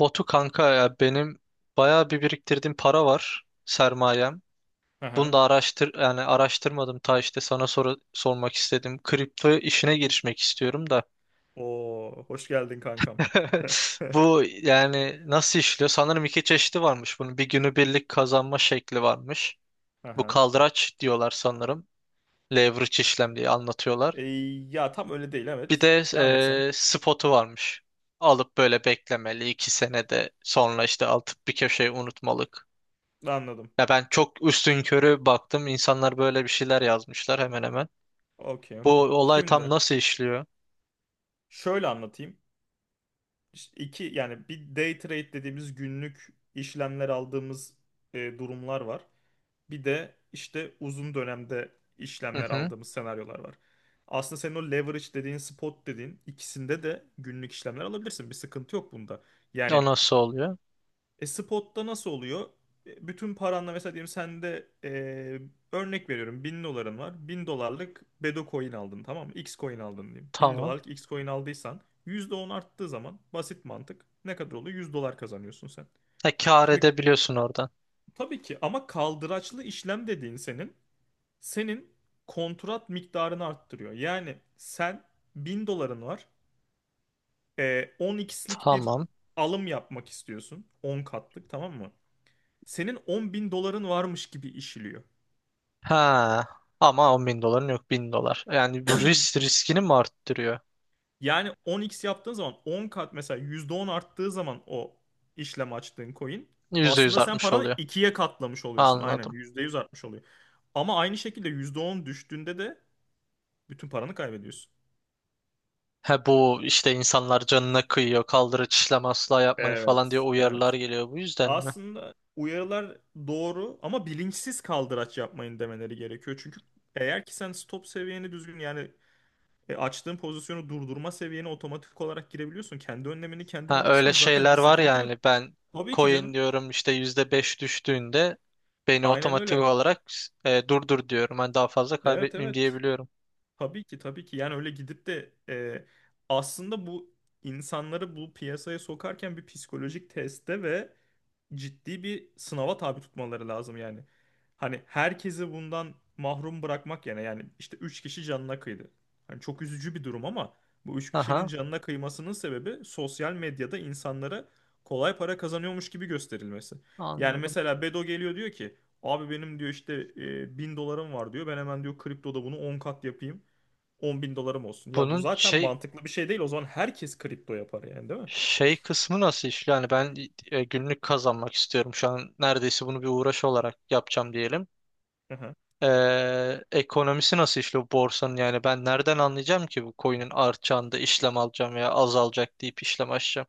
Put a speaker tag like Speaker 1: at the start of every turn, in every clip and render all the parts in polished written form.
Speaker 1: Botu kanka ya benim bayağı bir biriktirdiğim para var sermayem. Bunu
Speaker 2: Aha.
Speaker 1: da araştır yani araştırmadım ta işte sana soru sormak istedim. Kripto işine girişmek istiyorum da.
Speaker 2: Oo, hoş geldin kankam.
Speaker 1: Bu yani nasıl işliyor? Sanırım iki çeşidi varmış bunun. Bir günübirlik kazanma şekli varmış. Bu
Speaker 2: Aha.
Speaker 1: kaldıraç diyorlar sanırım. Leverage işlem diye anlatıyorlar.
Speaker 2: E, Ya tam öyle değil,
Speaker 1: Bir
Speaker 2: evet.
Speaker 1: de
Speaker 2: Devam et sen.
Speaker 1: spotu varmış. Alıp böyle beklemeli 2 senede sonra işte alıp bir köşeye unutmalık.
Speaker 2: Anladım.
Speaker 1: Ya ben çok üstünkörü baktım. İnsanlar böyle bir şeyler yazmışlar hemen hemen.
Speaker 2: Okey
Speaker 1: Bu
Speaker 2: okey.
Speaker 1: olay tam
Speaker 2: Şimdi
Speaker 1: nasıl işliyor?
Speaker 2: şöyle anlatayım. İşte İki yani bir day trade dediğimiz günlük işlemler aldığımız durumlar var. Bir de işte uzun dönemde
Speaker 1: Hı
Speaker 2: işlemler
Speaker 1: hı.
Speaker 2: aldığımız senaryolar var. Aslında senin o leverage dediğin, spot dediğin ikisinde de günlük işlemler alabilirsin. Bir sıkıntı yok bunda.
Speaker 1: O
Speaker 2: Yani
Speaker 1: nasıl oluyor?
Speaker 2: Spotta nasıl oluyor? Bütün paranla mesela diyelim, sende örnek veriyorum 1.000 doların var. 1.000 dolarlık Bedo coin aldın, tamam mı? X coin aldın diyeyim. Bin
Speaker 1: Tamam.
Speaker 2: dolarlık X coin aldıysan %10 arttığı zaman basit mantık ne kadar oluyor? 100 dolar kazanıyorsun sen.
Speaker 1: E kâr
Speaker 2: Şimdi
Speaker 1: edebiliyorsun oradan.
Speaker 2: tabii ki ama kaldıraçlı işlem dediğin senin kontrat miktarını arttırıyor. Yani sen, 1.000 doların var. 10x'lik bir
Speaker 1: Tamam.
Speaker 2: alım yapmak istiyorsun. 10 katlık, tamam mı? Senin 10 bin doların varmış gibi işliyor.
Speaker 1: Ha. Ama 10 bin doların yok, 1000 dolar. Yani bu risk riskini mi arttırıyor?
Speaker 2: Yani 10x yaptığın zaman 10 kat, mesela %10 arttığı zaman o işlem açtığın coin,
Speaker 1: %100
Speaker 2: aslında sen
Speaker 1: artmış
Speaker 2: paranı
Speaker 1: oluyor.
Speaker 2: ikiye katlamış oluyorsun. Aynen,
Speaker 1: Anladım.
Speaker 2: %100 artmış oluyor. Ama aynı şekilde %10 düştüğünde de bütün paranı kaybediyorsun.
Speaker 1: He bu işte insanlar canına kıyıyor. Kaldırı işlem asla yapmayın falan diye
Speaker 2: Evet. Evet.
Speaker 1: uyarılar geliyor. Bu yüzden mi?
Speaker 2: Aslında uyarılar doğru ama bilinçsiz kaldıraç yapmayın demeleri gerekiyor. Çünkü eğer ki sen stop seviyeni düzgün, yani açtığın pozisyonu durdurma seviyene otomatik olarak girebiliyorsun. Kendi önlemini kendin
Speaker 1: Ha, öyle
Speaker 2: alırsan zaten bir
Speaker 1: şeyler var
Speaker 2: sıkıntı yok.
Speaker 1: yani ben
Speaker 2: Tabii ki
Speaker 1: coin
Speaker 2: canım.
Speaker 1: diyorum işte %5 düştüğünde beni
Speaker 2: Aynen
Speaker 1: otomatik
Speaker 2: öyle.
Speaker 1: olarak durdur diyorum. Hani daha fazla
Speaker 2: Evet,
Speaker 1: kaybetmeyeyim
Speaker 2: evet.
Speaker 1: diyebiliyorum.
Speaker 2: Tabii ki, tabii ki. Yani öyle gidip de aslında bu, insanları bu piyasaya sokarken bir psikolojik teste ve ciddi bir sınava tabi tutmaları lazım yani. Hani herkesi bundan mahrum bırakmak yani, işte 3 kişi canına kıydı. Hani çok üzücü bir durum ama bu 3 kişinin
Speaker 1: Aha,
Speaker 2: canına kıymasının sebebi, sosyal medyada insanlara kolay para kazanıyormuş gibi gösterilmesi. Yani
Speaker 1: anladım.
Speaker 2: mesela Bedo geliyor, diyor ki, abi benim diyor, işte 1.000 dolarım var diyor, ben hemen diyor, kriptoda bunu 10 kat yapayım 10.000 dolarım olsun. Ya bu
Speaker 1: Bunun
Speaker 2: zaten
Speaker 1: şey
Speaker 2: mantıklı bir şey değil, o zaman herkes kripto yapar yani, değil mi?
Speaker 1: şey kısmı nasıl işliyor? Yani ben günlük kazanmak istiyorum. Şu an neredeyse bunu bir uğraş olarak yapacağım diyelim.
Speaker 2: Aha.
Speaker 1: Ekonomisi nasıl işliyor borsanın, yani ben nereden anlayacağım ki bu coin'in artacağını da işlem alacağım veya azalacak deyip işlem açacağım?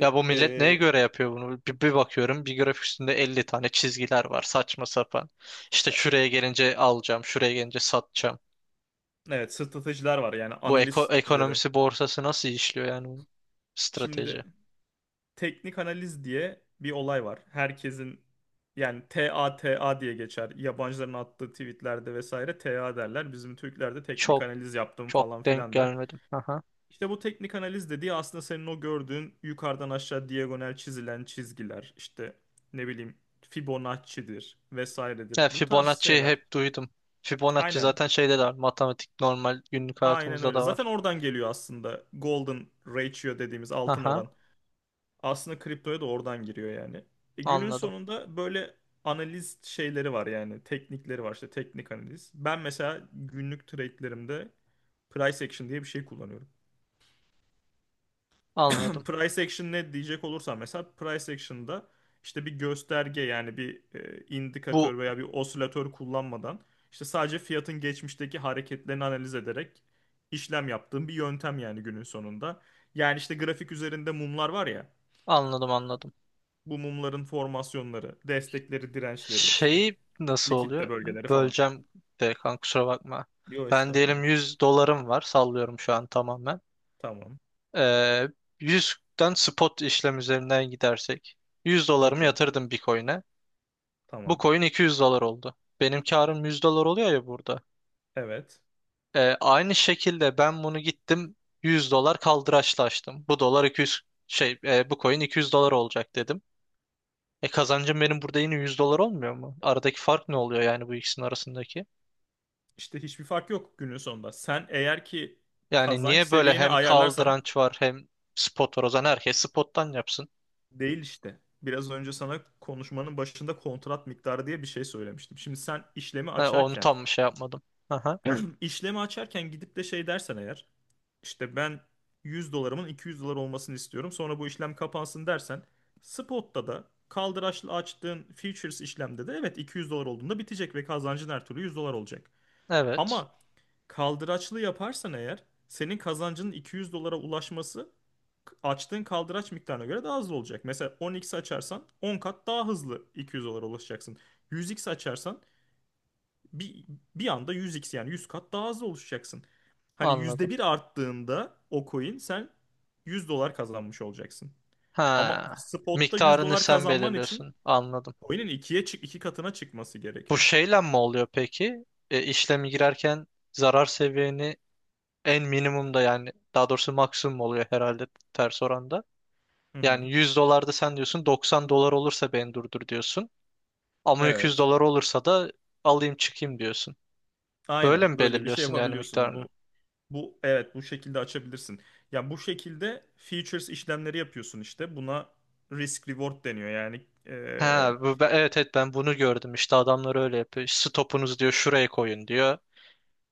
Speaker 1: Ya bu millet neye göre yapıyor bunu? Bir bakıyorum bir grafik üstünde 50 tane çizgiler var saçma sapan. İşte
Speaker 2: e,
Speaker 1: şuraya gelince alacağım, şuraya gelince satacağım.
Speaker 2: evet, stratejiler var, yani
Speaker 1: Bu
Speaker 2: analiz stratejileri.
Speaker 1: ekonomisi, borsası nasıl işliyor yani bunun? Strateji.
Speaker 2: Şimdi teknik analiz diye bir olay var. Herkesin yani T T A T A diye geçer. Yabancıların attığı tweetlerde vesaire T A derler. Bizim Türklerde teknik
Speaker 1: Çok
Speaker 2: analiz yaptım
Speaker 1: çok
Speaker 2: falan
Speaker 1: denk
Speaker 2: filan der.
Speaker 1: gelmedim. Aha.
Speaker 2: İşte bu teknik analiz dediği, aslında senin o gördüğün yukarıdan aşağı diagonal çizilen çizgiler, işte ne bileyim, Fibonacci'dir,
Speaker 1: Ya
Speaker 2: vesairedir. Bu tarz
Speaker 1: Fibonacci'yi
Speaker 2: şeyler.
Speaker 1: hep duydum. Fibonacci
Speaker 2: Aynen.
Speaker 1: zaten şeyde de var. Matematik normal günlük
Speaker 2: Aynen
Speaker 1: hayatımızda
Speaker 2: öyle.
Speaker 1: da
Speaker 2: Zaten
Speaker 1: var.
Speaker 2: oradan geliyor aslında, golden ratio dediğimiz altın
Speaker 1: Aha,
Speaker 2: oran. Aslında kriptoya da oradan giriyor yani. Günün
Speaker 1: anladım.
Speaker 2: sonunda böyle analiz şeyleri var, yani teknikleri var işte, teknik analiz. Ben mesela günlük trade'lerimde price action diye bir şey kullanıyorum.
Speaker 1: Anladım.
Speaker 2: Price action ne diyecek olursam, mesela price action'da, işte bir gösterge yani bir
Speaker 1: Bu
Speaker 2: indikatör veya bir osilatör kullanmadan, işte sadece fiyatın geçmişteki hareketlerini analiz ederek işlem yaptığım bir yöntem, yani günün sonunda. Yani işte grafik üzerinde mumlar var ya,
Speaker 1: anladım anladım.
Speaker 2: bu mumların formasyonları, destekleri, dirençleri, işte
Speaker 1: Şeyi nasıl
Speaker 2: likitte
Speaker 1: oluyor?
Speaker 2: bölgeleri falan.
Speaker 1: Böleceğim de kanka, kusura bakma.
Speaker 2: Yo,
Speaker 1: Ben
Speaker 2: estağfurullah.
Speaker 1: diyelim 100 dolarım var. Sallıyorum şu an tamamen.
Speaker 2: Tamam.
Speaker 1: Ee, 100'den spot işlem üzerinden gidersek. 100 dolarımı
Speaker 2: Okey.
Speaker 1: yatırdım bir coin'e. Bu
Speaker 2: Tamam.
Speaker 1: coin 200 dolar oldu. Benim karım 100 dolar oluyor ya burada.
Speaker 2: Evet.
Speaker 1: Aynı şekilde ben bunu gittim 100 dolar kaldıraçla açtım. Bu dolar 200 şey bu coin 200 dolar olacak dedim. E kazancım benim burada yine 100 dolar olmuyor mu? Aradaki fark ne oluyor yani bu ikisinin arasındaki?
Speaker 2: İşte hiçbir fark yok günün sonunda. Sen eğer ki
Speaker 1: Yani
Speaker 2: kazanç
Speaker 1: niye böyle
Speaker 2: seviyeni
Speaker 1: hem
Speaker 2: ayarlarsan.
Speaker 1: kaldıranç var hem spot var? O zaman herkes spottan yapsın.
Speaker 2: Değil işte. Biraz önce sana konuşmanın başında kontrat miktarı diye bir şey söylemiştim. Şimdi sen işlemi
Speaker 1: Ha, onu
Speaker 2: açarken.
Speaker 1: tam şey yapmadım. Aha,
Speaker 2: Evet. işlemi açarken gidip de şey dersen eğer, işte ben 100 dolarımın 200 dolar olmasını istiyorum, sonra bu işlem kapansın dersen, spotta da, kaldıraçlı açtığın futures işlemde de evet, 200 dolar olduğunda bitecek ve kazancın her türlü 100 dolar olacak.
Speaker 1: evet
Speaker 2: Ama kaldıraçlı yaparsan eğer, senin kazancının 200 dolara ulaşması açtığın kaldıraç miktarına göre daha hızlı olacak. Mesela 10x açarsan 10 kat daha hızlı 200 dolara ulaşacaksın. 100x açarsan bir, bir anda 100x, yani 100 kat daha hızlı ulaşacaksın. Hani yüzde
Speaker 1: anladım.
Speaker 2: bir arttığında o coin, sen 100 dolar kazanmış olacaksın. Ama
Speaker 1: Ha,
Speaker 2: spot'ta 100
Speaker 1: miktarını
Speaker 2: dolar
Speaker 1: sen
Speaker 2: kazanman için
Speaker 1: belirliyorsun, anladım.
Speaker 2: coin'in 2 katına çıkması
Speaker 1: Bu
Speaker 2: gerekiyor.
Speaker 1: şeyle mi oluyor peki? E, işlemi girerken zarar seviyeni en minimumda, yani daha doğrusu maksimum oluyor herhalde ters oranda.
Speaker 2: Hı hı.
Speaker 1: Yani 100 dolarda sen diyorsun 90 dolar olursa beni durdur diyorsun. Ama 200
Speaker 2: Evet.
Speaker 1: dolar olursa da alayım çıkayım diyorsun. Böyle
Speaker 2: Aynen,
Speaker 1: mi
Speaker 2: böyle bir şey
Speaker 1: belirliyorsun yani
Speaker 2: yapabiliyorsun.
Speaker 1: miktarını?
Speaker 2: Bu evet, bu şekilde açabilirsin. Ya, bu şekilde features işlemleri yapıyorsun işte. Buna risk reward deniyor. Yani
Speaker 1: Ha, evet evet ben bunu gördüm. İşte adamlar öyle yapıyor. Stopunuz diyor şuraya koyun diyor.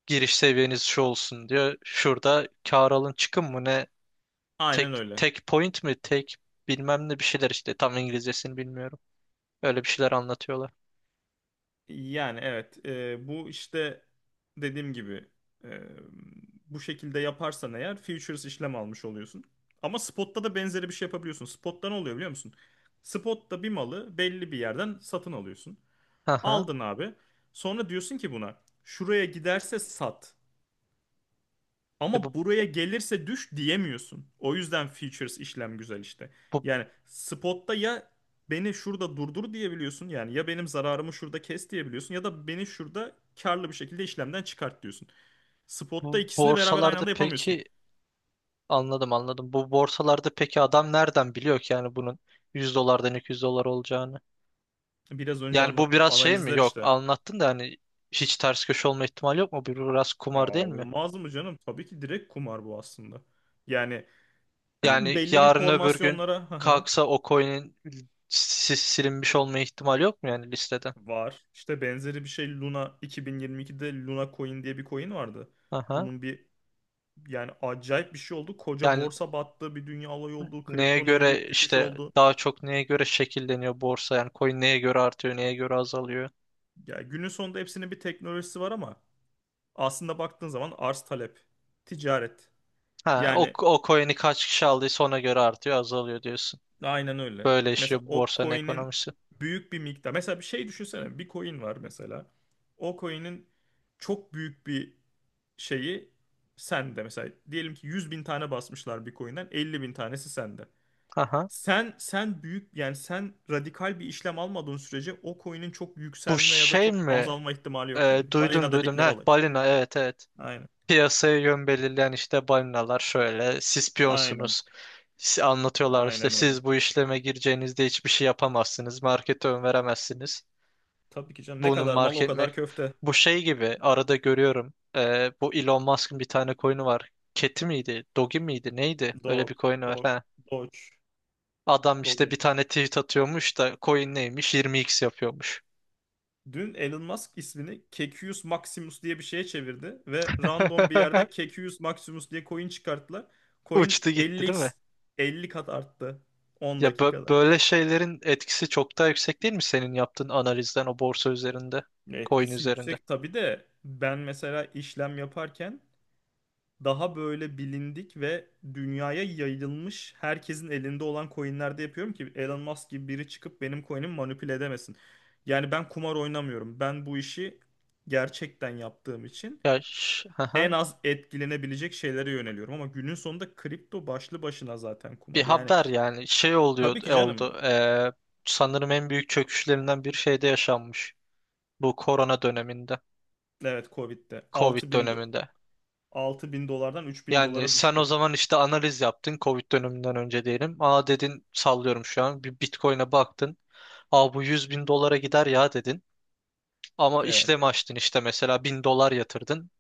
Speaker 1: Giriş seviyeniz şu olsun diyor. Şurada kâr alın çıkın mı ne?
Speaker 2: aynen
Speaker 1: Tek
Speaker 2: öyle.
Speaker 1: tek point mi? Tek bilmem ne bir şeyler işte. Tam İngilizcesini bilmiyorum. Öyle bir şeyler anlatıyorlar.
Speaker 2: Yani evet, bu işte dediğim gibi eee, bu şekilde yaparsan eğer futures işlem almış oluyorsun. Ama spot'ta da benzeri bir şey yapabiliyorsun. Spot'ta ne oluyor biliyor musun? Spot'ta bir malı belli bir yerden satın alıyorsun.
Speaker 1: Aha.
Speaker 2: Aldın abi. Sonra diyorsun ki buna, şuraya giderse sat.
Speaker 1: E
Speaker 2: Ama buraya gelirse düş diyemiyorsun. O yüzden features işlem güzel işte.
Speaker 1: bu,
Speaker 2: Yani spotta ya beni şurada durdur diyebiliyorsun, yani ya benim zararımı şurada kes diyebiliyorsun, ya da beni şurada karlı bir şekilde işlemden çıkart diyorsun. Spotta
Speaker 1: bu
Speaker 2: ikisini beraber aynı
Speaker 1: borsalarda
Speaker 2: anda yapamıyorsun.
Speaker 1: peki, anladım anladım. Bu borsalarda peki adam nereden biliyor ki yani bunun 100 dolardan 200 dolar olacağını?
Speaker 2: Biraz önce
Speaker 1: Yani bu
Speaker 2: anlattığım
Speaker 1: biraz şey mi?
Speaker 2: analizler
Speaker 1: Yok
Speaker 2: işte.
Speaker 1: anlattın da hani, hiç ters köşe olma ihtimali yok mu? Bu biraz
Speaker 2: Ya
Speaker 1: kumar değil mi?
Speaker 2: olmaz mı canım? Tabii ki, direkt kumar bu aslında. Yani
Speaker 1: Yani
Speaker 2: belli bir
Speaker 1: yarın öbür gün
Speaker 2: formasyonlara hı hı,
Speaker 1: kalksa o coin'in silinmiş olma ihtimali yok mu yani listeden?
Speaker 2: var. İşte benzeri bir şey, Luna. 2022'de Luna Coin diye bir coin vardı.
Speaker 1: Aha.
Speaker 2: Bunun bir Yani acayip bir şey oldu. Koca
Speaker 1: Yani
Speaker 2: borsa battı, bir dünya olayı oldu,
Speaker 1: neye
Speaker 2: kriptonun en
Speaker 1: göre
Speaker 2: büyük düşüşü
Speaker 1: işte,
Speaker 2: oldu.
Speaker 1: daha çok neye göre şekilleniyor borsa, yani coin neye göre artıyor neye göre azalıyor?
Speaker 2: Yani günün sonunda hepsinin bir teknolojisi var ama aslında baktığın zaman, arz talep, ticaret.
Speaker 1: Ha, o,
Speaker 2: Yani
Speaker 1: o coin'i kaç kişi aldıysa ona göre artıyor azalıyor diyorsun.
Speaker 2: aynen öyle.
Speaker 1: Böyle
Speaker 2: Mesela
Speaker 1: işliyor bu
Speaker 2: o
Speaker 1: borsanın
Speaker 2: coin'in
Speaker 1: ekonomisi.
Speaker 2: büyük bir miktar. Mesela bir şey düşünsene. Bir coin var mesela. O coin'in çok büyük bir şeyi sende. Mesela diyelim ki 100 bin tane basmışlar bir coin'den, 50 bin tanesi sende.
Speaker 1: Aha.
Speaker 2: Sen büyük, yani sen radikal bir işlem almadığın sürece o coin'in çok
Speaker 1: Bu
Speaker 2: yükselme ya da
Speaker 1: şey
Speaker 2: çok
Speaker 1: mi?
Speaker 2: azalma ihtimali yok
Speaker 1: Ee,
Speaker 2: yani.
Speaker 1: duydum
Speaker 2: Balina
Speaker 1: duydum.
Speaker 2: dedikleri
Speaker 1: Ha,
Speaker 2: olay.
Speaker 1: balina, evet evet.
Speaker 2: Aynen.
Speaker 1: Piyasaya yön belirleyen işte balinalar, şöyle siz
Speaker 2: Aynen.
Speaker 1: piyonsunuz. Anlatıyorlar işte,
Speaker 2: Aynen öyle.
Speaker 1: siz bu işleme gireceğinizde hiçbir şey yapamazsınız, markete ön veremezsiniz
Speaker 2: Tabii ki canım. Ne
Speaker 1: bunun
Speaker 2: kadar mal o kadar köfte.
Speaker 1: bu şey gibi arada görüyorum. Bu Elon Musk'ın bir tane coin'i var, Keti miydi Dogi miydi neydi, öyle
Speaker 2: Dog.
Speaker 1: bir coin'i var
Speaker 2: Dog.
Speaker 1: ha.
Speaker 2: Doge.
Speaker 1: Adam işte
Speaker 2: Doge.
Speaker 1: bir tane tweet atıyormuş da coin neymiş 20x yapıyormuş.
Speaker 2: Dün Elon Musk ismini Kekius Maximus diye bir şeye çevirdi ve random bir yerde Kekius Maximus diye coin çıkarttılar. Coin
Speaker 1: Uçtu gitti değil
Speaker 2: 50x,
Speaker 1: mi?
Speaker 2: 50 kat arttı 10
Speaker 1: Ya
Speaker 2: dakikada.
Speaker 1: böyle şeylerin etkisi çok daha yüksek değil mi senin yaptığın analizden, o borsa üzerinde, coin
Speaker 2: Etkisi
Speaker 1: üzerinde?
Speaker 2: yüksek tabii de, ben mesela işlem yaparken daha böyle bilindik ve dünyaya yayılmış, herkesin elinde olan coinlerde yapıyorum ki, Elon Musk gibi biri çıkıp benim coin'imi manipüle edemesin. Yani ben kumar oynamıyorum. Ben bu işi gerçekten yaptığım için
Speaker 1: Ya hı,
Speaker 2: en
Speaker 1: hı.
Speaker 2: az etkilenebilecek şeylere yöneliyorum. Ama günün sonunda kripto başlı başına zaten
Speaker 1: Bir
Speaker 2: kumar. Yani
Speaker 1: haber yani şey oluyor
Speaker 2: tabii ki canım.
Speaker 1: oldu. Sanırım en büyük çöküşlerinden bir şeyde yaşanmış. Bu korona döneminde,
Speaker 2: Evet, Covid'de
Speaker 1: Covid döneminde.
Speaker 2: 6.000 dolardan 3000
Speaker 1: Yani
Speaker 2: dolara
Speaker 1: sen o
Speaker 2: düştü.
Speaker 1: zaman işte analiz yaptın Covid döneminden önce diyelim. Aa dedin, sallıyorum şu an, bir Bitcoin'e baktın. Aa bu 100 bin dolara gider ya dedin. Ama
Speaker 2: Evet.
Speaker 1: işlem açtın işte, mesela 1000 dolar yatırdın.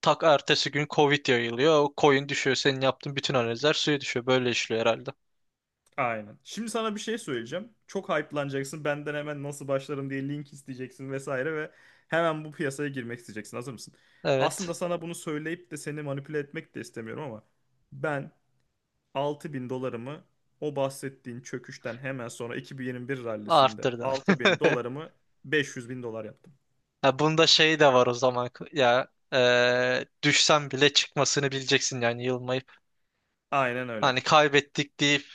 Speaker 1: Tak ertesi gün Covid yayılıyor. O coin düşüyor. Senin yaptığın bütün analizler suya düşüyor. Böyle işliyor herhalde.
Speaker 2: Aynen. Şimdi sana bir şey söyleyeceğim. Çok hype'lanacaksın. Benden hemen nasıl başlarım diye link isteyeceksin vesaire ve hemen bu piyasaya girmek isteyeceksin. Hazır mısın?
Speaker 1: Evet.
Speaker 2: Aslında sana bunu söyleyip de seni manipüle etmek de istemiyorum ama ben, 6.000 dolarımı, o bahsettiğin çöküşten hemen sonra 2021 rallisinde
Speaker 1: Arttırdın.
Speaker 2: 6000 dolarımı 500 bin dolar yaptım.
Speaker 1: Ha, bunda şey de var o zaman. Ya düşsen bile çıkmasını bileceksin yani, yılmayıp.
Speaker 2: Aynen öyle.
Speaker 1: Hani kaybettik deyip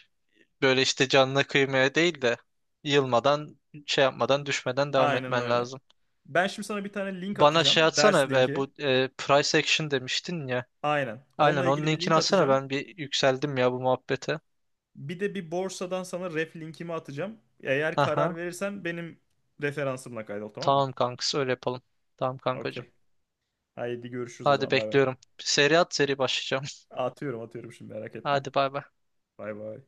Speaker 1: böyle işte canına kıymaya değil de, yılmadan şey yapmadan düşmeden devam
Speaker 2: Aynen
Speaker 1: etmen
Speaker 2: öyle.
Speaker 1: lazım.
Speaker 2: Ben şimdi sana bir tane link
Speaker 1: Bana
Speaker 2: atacağım.
Speaker 1: şey
Speaker 2: Ders
Speaker 1: atsana,
Speaker 2: linki.
Speaker 1: bu price action demiştin ya.
Speaker 2: Aynen.
Speaker 1: Aynen
Speaker 2: Onunla
Speaker 1: onun
Speaker 2: ilgili bir
Speaker 1: linkini
Speaker 2: link
Speaker 1: atsana,
Speaker 2: atacağım.
Speaker 1: ben bir yükseldim ya bu muhabbete.
Speaker 2: Bir de bir borsadan sana ref linkimi atacağım. Eğer
Speaker 1: Aha.
Speaker 2: karar verirsen benim referansımla kaydol, tamam mı?
Speaker 1: Tamam kankası, öyle yapalım. Tamam kankacığım.
Speaker 2: Okey. Haydi görüşürüz o
Speaker 1: Hadi
Speaker 2: zaman, bay bay.
Speaker 1: bekliyorum. Seri at, seri başlayacağım.
Speaker 2: Atıyorum atıyorum şimdi, merak etme.
Speaker 1: Hadi bay bay.
Speaker 2: Bay bay.